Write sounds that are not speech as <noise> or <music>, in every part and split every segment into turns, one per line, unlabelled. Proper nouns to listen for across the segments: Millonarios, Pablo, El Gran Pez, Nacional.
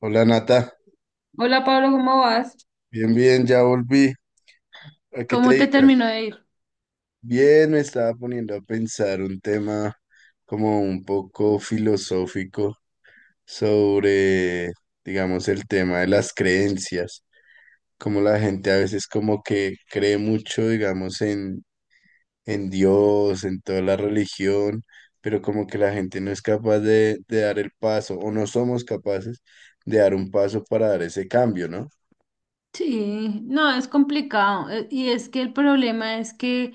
Hola Nata,
Hola Pablo, ¿cómo vas?
bien, bien, ya volví. ¿A qué te
¿Cómo te
dedicas?
terminó de ir?
Bien, me estaba poniendo a pensar un tema como un poco filosófico sobre, digamos, el tema de las creencias, como la gente a veces como que cree mucho, digamos, en, Dios, en toda la religión, pero como que la gente no es capaz de dar el paso o no somos capaces de dar un paso para dar ese cambio, ¿no?
Sí, no, es complicado. Y es que el problema es que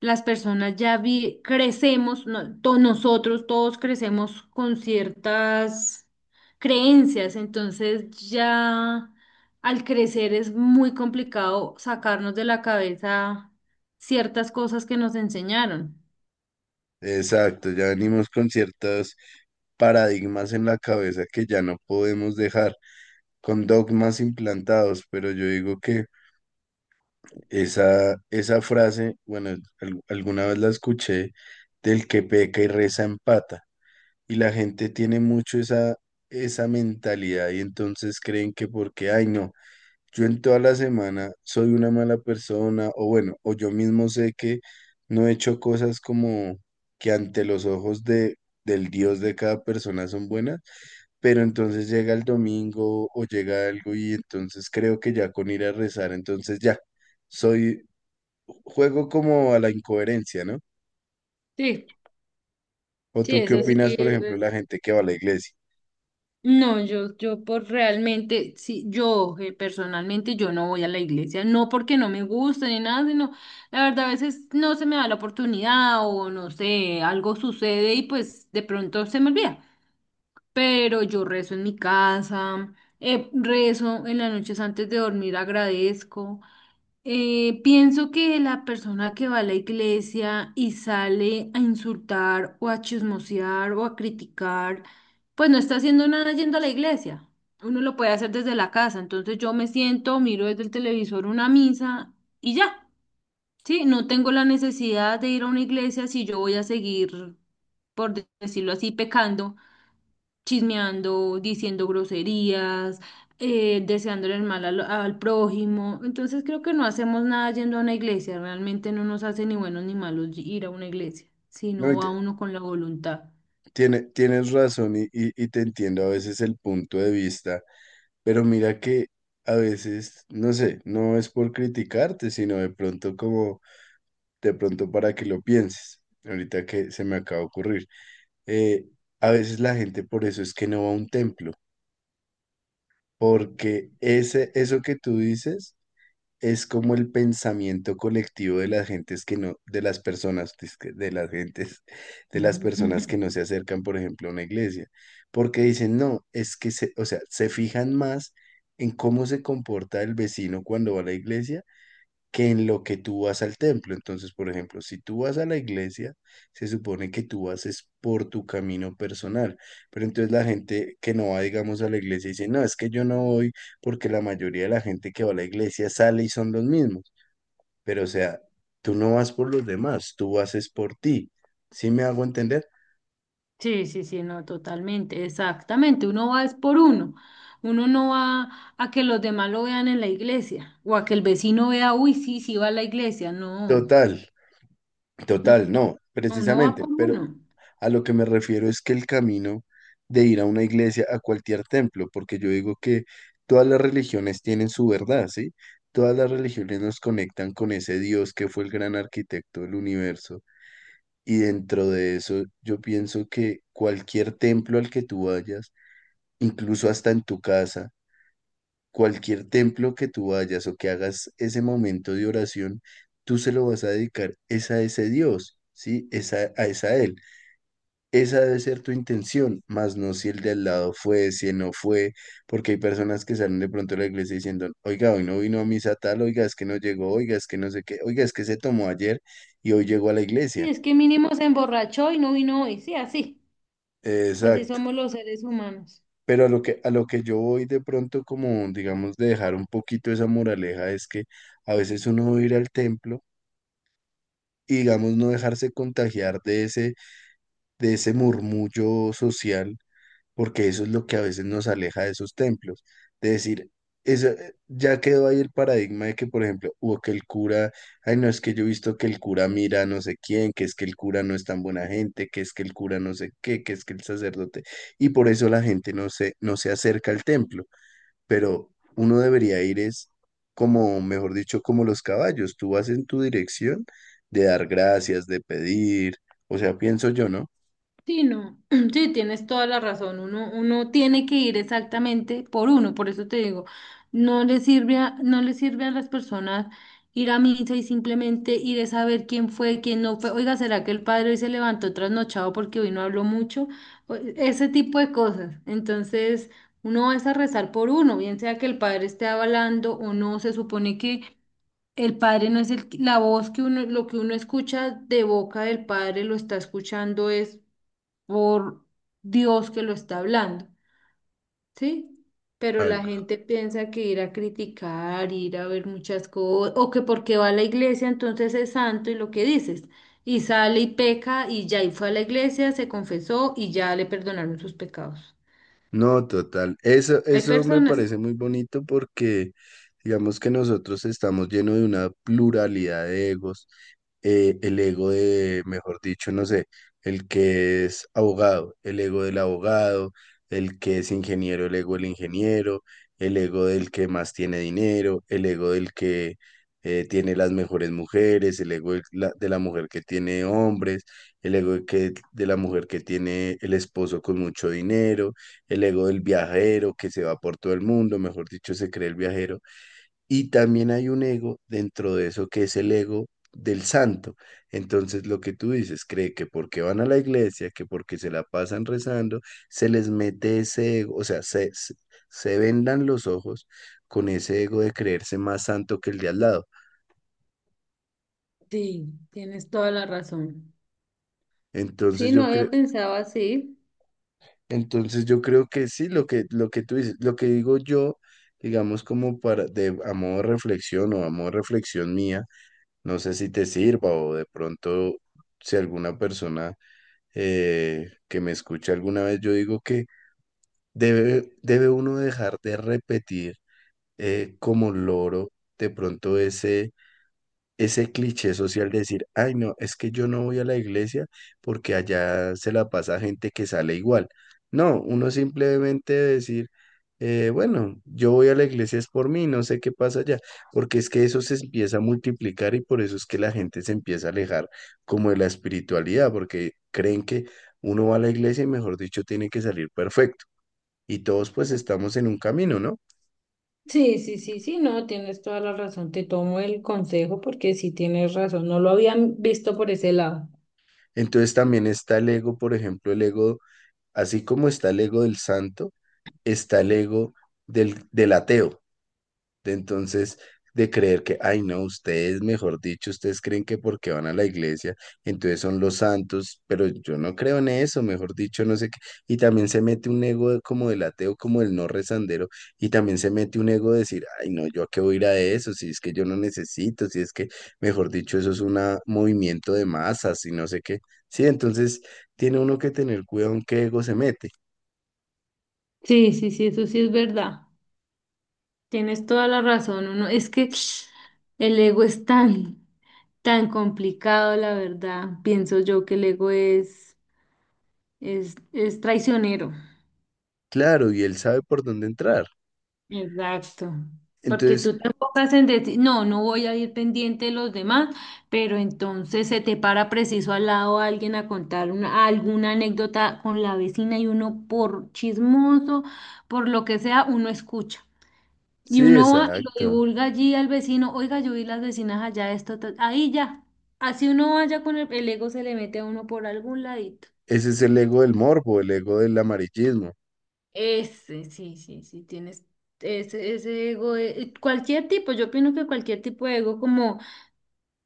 las personas crecemos, nosotros todos crecemos con ciertas creencias, entonces ya al crecer es muy complicado sacarnos de la cabeza ciertas cosas que nos enseñaron.
Exacto, ya venimos con ciertos paradigmas en la cabeza que ya no podemos dejar, con dogmas implantados, pero yo digo que esa, frase, bueno, alguna vez la escuché, del que peca y reza empata, y la gente tiene mucho esa mentalidad y entonces creen que porque, ay no. Yo en toda la semana soy una mala persona, o bueno, o yo mismo sé que no he hecho cosas como que ante los ojos del Dios de cada persona son buenas, pero entonces llega el domingo o llega algo y entonces creo que ya con ir a rezar, entonces ya, soy, juego como a la incoherencia, ¿no?
Sí,
¿O
sí,
tú qué, sí,
eso sí.
opinas, por ejemplo, la gente que va a la iglesia?
No, yo por realmente, sí, yo personalmente yo no voy a la iglesia, no porque no me guste ni nada, sino la verdad a veces no se me da la oportunidad o no sé, algo sucede y pues de pronto se me olvida. Pero yo rezo en mi casa, rezo en las noches antes de dormir, agradezco. Pienso que la persona que va a la iglesia y sale a insultar o a chismosear o a criticar, pues no está haciendo nada yendo a la iglesia. Uno lo puede hacer desde la casa. Entonces yo me siento, miro desde el televisor una misa y ya. Sí, no tengo la necesidad de ir a una iglesia si yo voy a seguir, por decirlo así, pecando, chismeando, diciendo groserías, deseándole el mal al prójimo. Entonces creo que no hacemos nada yendo a una iglesia, realmente no nos hace ni buenos ni malos ir a una iglesia,
No,
sino
y
va
te-
uno con la voluntad.
tiene, tienes razón y, y te entiendo a veces el punto de vista. Pero mira que a veces, no sé, no es por criticarte, sino de pronto como, de pronto para que lo pienses. Ahorita que se me acaba de ocurrir. Eh, a veces la gente por eso es que no va a un templo, porque eso que tú dices es como el pensamiento colectivo de las gentes que no, de las personas, disque, de las gentes, de las personas
<laughs>
que no se acercan, por ejemplo, a una iglesia, porque dicen, no, es que se, o sea, se fijan más en cómo se comporta el vecino cuando va a la iglesia que en lo que tú vas al templo. Entonces, por ejemplo, si tú vas a la iglesia, se supone que tú vas es por tu camino personal. Pero entonces la gente que no va, digamos, a la iglesia dice, no, es que yo no voy porque la mayoría de la gente que va a la iglesia sale y son los mismos. Pero o sea, tú no vas por los demás, tú vas es por ti. ¿Sí me hago entender?
Sí, sí, sí, no, totalmente, exactamente. Uno va es por uno. Uno no va a que los demás lo vean en la iglesia o a que el vecino vea, uy, sí, sí va a la iglesia. No,
Total,
no,
total, no,
no, uno va
precisamente,
por
pero
uno.
a lo que me refiero es que el camino de ir a una iglesia, a cualquier templo, porque yo digo que todas las religiones tienen su verdad, ¿sí? Todas las religiones nos conectan con ese Dios que fue el gran arquitecto del universo. Y dentro de eso, yo pienso que cualquier templo al que tú vayas, incluso hasta en tu casa, cualquier templo que tú vayas o que hagas ese momento de oración, tú se lo vas a dedicar es a ese Dios, ¿sí? Es a Él. Esa debe ser tu intención, más no si el de al lado fue, si no fue, porque hay personas que salen de pronto de la iglesia diciendo, oiga, hoy no vino a misa tal, oiga, es que no llegó, oiga, es que no sé qué, oiga, es que se tomó ayer y hoy llegó a la
Sí,
iglesia.
es que mínimo se emborrachó y no vino hoy, sí, así. Así
Exacto.
somos los seres humanos.
Pero a lo que yo voy de pronto como, digamos, de dejar un poquito esa moraleja es que a veces uno va a ir al templo y, digamos, no dejarse contagiar de ese, murmullo social porque eso es lo que a veces nos aleja de esos templos. De decir, eso, ya quedó ahí el paradigma de que, por ejemplo, o que el cura, ay, no, es que yo he visto que el cura mira a no sé quién, que es que el cura no es tan buena gente, que es que el cura no sé qué, que es que el sacerdote, y por eso la gente no se acerca al templo, pero uno debería ir es como, mejor dicho, como los caballos, tú vas en tu dirección de dar gracias, de pedir, o sea, pienso yo, ¿no?
Sí, no, <clears throat> sí, tienes toda la razón. Uno tiene que ir exactamente por uno, por eso te digo, no le sirve a las personas ir a misa y simplemente ir a saber quién fue, quién no fue. Oiga, ¿será que el padre hoy se levantó trasnochado porque hoy no habló mucho? Ese tipo de cosas. Entonces, uno va a rezar por uno, bien sea que el padre esté hablando o no, se supone que el padre no es la voz que uno, lo que uno escucha de boca del padre lo está escuchando es por Dios que lo está hablando, ¿sí? Pero la
algo
gente piensa que ir a criticar, ir a ver muchas cosas, o que porque va a la iglesia entonces es santo y lo que dices, y sale y peca y ya y fue a la iglesia, se confesó y ya le perdonaron sus pecados.
No, total. Eso,
Hay
eso me
personas.
parece muy bonito porque digamos que nosotros estamos llenos de una pluralidad de egos, el ego de, mejor dicho, no sé, el que es abogado, el ego del abogado, el que es ingeniero, el ego del ingeniero, el ego del que más tiene dinero, el ego del que tiene las mejores mujeres, el ego de la mujer que tiene hombres, el ego de la mujer que tiene el esposo con mucho dinero, el ego del viajero que se va por todo el mundo, mejor dicho, se cree el viajero y también hay un ego dentro de eso que es el ego del santo. Entonces lo que tú dices, cree que porque van a la iglesia, que porque se la pasan rezando, se les mete ese ego, o sea, se vendan los ojos con ese ego de creerse más santo que el de al lado.
Sí, tienes toda la razón.
Entonces
Sí, no
yo
había
creo,
pensado así.
entonces yo creo que sí, lo que tú dices, lo que digo yo, digamos como para, de, a modo de reflexión o a modo de reflexión mía, no sé si te sirva o de pronto si alguna persona que me escuché alguna vez, yo digo que debe uno dejar de repetir como loro de pronto ese cliché social de decir, ay, no, es que yo no voy a la iglesia porque allá se la pasa gente que sale igual. No, uno simplemente decir, bueno, yo voy a la iglesia es por mí, no sé qué pasa allá, porque es que eso se empieza a multiplicar y por eso es que la gente se empieza a alejar como de la espiritualidad, porque creen que uno va a la iglesia y mejor dicho tiene que salir perfecto. Y todos pues estamos en un camino, ¿no?
Sí, sí, sí, sí, no, tienes toda la razón. Te tomo el consejo porque sí tienes razón. No lo habían visto por ese lado.
Entonces también está el ego, por ejemplo, el ego, así como está el ego del santo. Está el ego del ateo, de entonces de creer que, ay no, ustedes, mejor dicho, ustedes creen que porque van a la iglesia, entonces son los santos, pero yo no creo en eso, mejor dicho, no sé qué. Y también se mete un ego como del ateo, como el no rezandero, y también se mete un ego de decir, ay no, yo a qué voy a ir a eso, si es que yo no necesito, si es que, mejor dicho, eso es un movimiento de masas y no sé qué. Sí, entonces tiene uno que tener cuidado en qué ego se mete.
Sí, sí, sí, eso sí es verdad. Tienes toda la razón. Uno, es que <sniffs> el ego es tan, tan complicado, la verdad. Pienso yo que el ego es, es traicionero.
Claro, y él sabe por dónde entrar.
Exacto. Porque
Entonces,
tú te enfocas en decir, no, no voy a ir pendiente de los demás, pero entonces se te para preciso al lado alguien a contar alguna anécdota con la vecina y uno por chismoso, por lo que sea, uno escucha. Y
sí,
uno va y lo
exacto.
divulga allí al vecino, oiga, yo vi las vecinas allá, esto, ta-". Ahí ya. Así uno vaya con el ego, se le mete a uno por algún ladito.
Ese es el ego del morbo, el ego del amarillismo.
Ese, sí, sí, sí, tienes ese, ese ego, cualquier tipo, yo opino que cualquier tipo de ego, como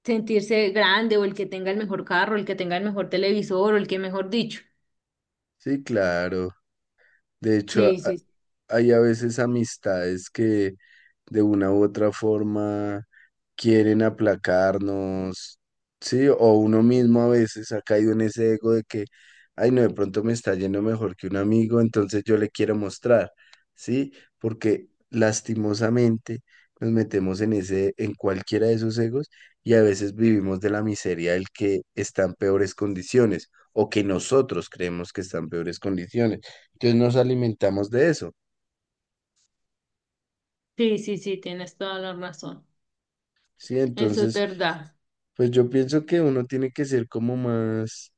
sentirse grande o el que tenga el mejor carro, el que tenga el mejor televisor o el que mejor dicho.
Sí, claro. De hecho,
Sí, sí,
hay a veces amistades que de una u otra forma quieren aplacarnos, sí, o uno mismo a veces ha caído en ese ego de que, ay, no, de pronto me está yendo mejor que un amigo, entonces yo le quiero mostrar, sí, porque lastimosamente nos metemos en cualquiera de esos egos y a veces vivimos de la miseria del que está en peores condiciones o que nosotros creemos que está en peores condiciones. Entonces nos alimentamos de eso,
sí, sí, sí, tienes toda la razón.
sí,
Eso es
entonces,
verdad.
pues yo pienso que uno tiene que ser como más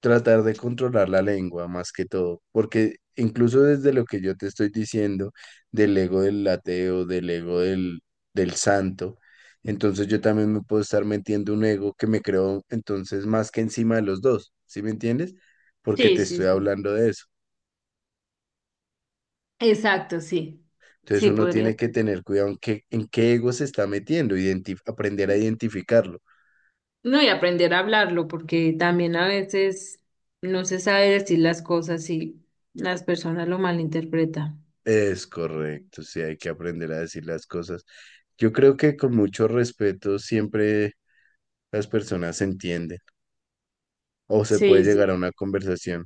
tratar de controlar la lengua más que todo, porque incluso desde lo que yo te estoy diciendo, del ego del ateo, del ego del santo, entonces yo también me puedo estar metiendo un ego que me creo entonces más que encima de los dos, ¿sí me entiendes? Porque
Sí,
te
sí,
estoy
sí.
hablando de eso.
Exacto, sí.
Entonces
Sí,
uno
podría
tiene que
ser.
tener cuidado en qué ego se está metiendo, aprender a identificarlo.
No, y aprender a hablarlo, porque también a veces no se sabe decir las cosas y las personas lo malinterpretan.
Es correcto, sí, hay que aprender a decir las cosas. Yo creo que con mucho respeto siempre las personas se entienden o se puede
Sí,
llegar
sí.
a una conversación.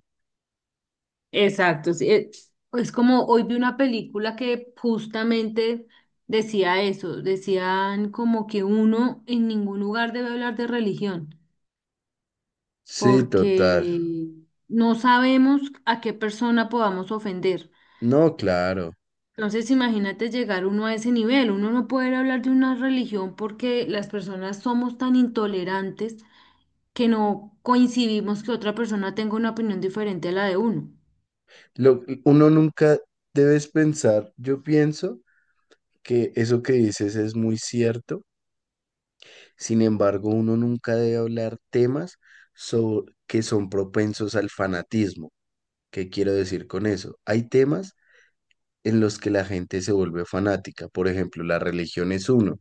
Exacto, sí, es como hoy vi una película que justamente decía eso, decían como que uno en ningún lugar debe hablar de religión,
Sí, total.
porque no sabemos a qué persona podamos ofender.
No, claro.
Entonces imagínate llegar uno a ese nivel, uno no puede hablar de una religión porque las personas somos tan intolerantes que no coincidimos que otra persona tenga una opinión diferente a la de uno.
Uno nunca debes pensar, yo pienso que eso que dices es muy cierto, sin embargo, uno nunca debe hablar temas que son propensos al fanatismo. ¿Qué quiero decir con eso? Hay temas en los que la gente se vuelve fanática. Por ejemplo, la religión es uno.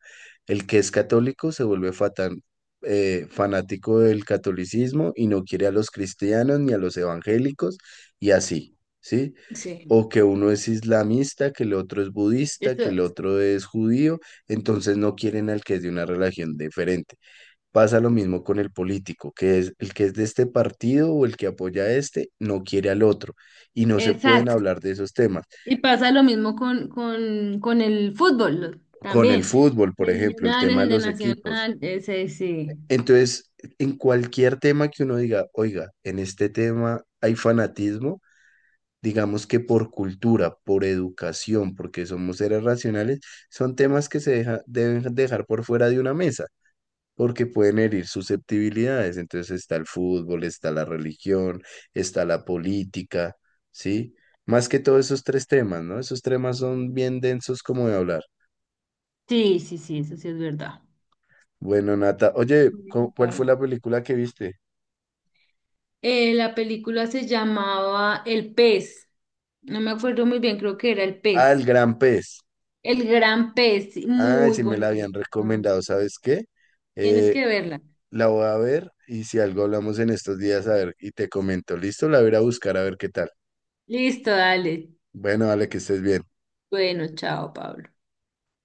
El que es católico se vuelve fanático del catolicismo y no quiere a los cristianos ni a los evangélicos y así, ¿sí?
Sí.
O que uno es islamista, que el otro es budista,
Eso,
que el otro es judío, entonces no quieren al que es de una religión diferente. Pasa lo mismo con el político, que es el que es de este partido o el que apoya a este, no quiere al otro y no se pueden
exacto.
hablar de esos temas.
Y pasa lo mismo con, con el fútbol
Con el
también.
fútbol,
De
por ejemplo, el
Millonarios,
tema de
el de
los equipos.
Nacional, ese sí.
Entonces, en cualquier tema que uno diga, oiga, en este tema hay fanatismo, digamos que por cultura, por educación, porque somos seres racionales, son temas que se deben dejar por fuera de una mesa, porque pueden herir susceptibilidades. Entonces está el fútbol, está la religión, está la política, ¿sí? Más que todo esos tres temas, ¿no? Esos temas son bien densos como de hablar.
Sí, sí, sí, eso sí es verdad.
Bueno, Nata, oye,
Ujú,
¿cuál fue
Pablo.
la película que viste?
La película se llamaba El Pez. No me acuerdo muy bien, creo que era El
Ah, El
Pez.
Gran Pez.
El Gran Pez, sí,
Ay,
muy
si me la habían
bonito. Ujú.
recomendado, ¿sabes qué?
Tienes
Eh,
que verla.
la voy a ver y si algo hablamos en estos días, a ver, y te comento, ¿listo? La voy a ir a buscar a ver qué tal.
Listo, dale.
Bueno, dale, que estés bien.
Bueno, chao, Pablo.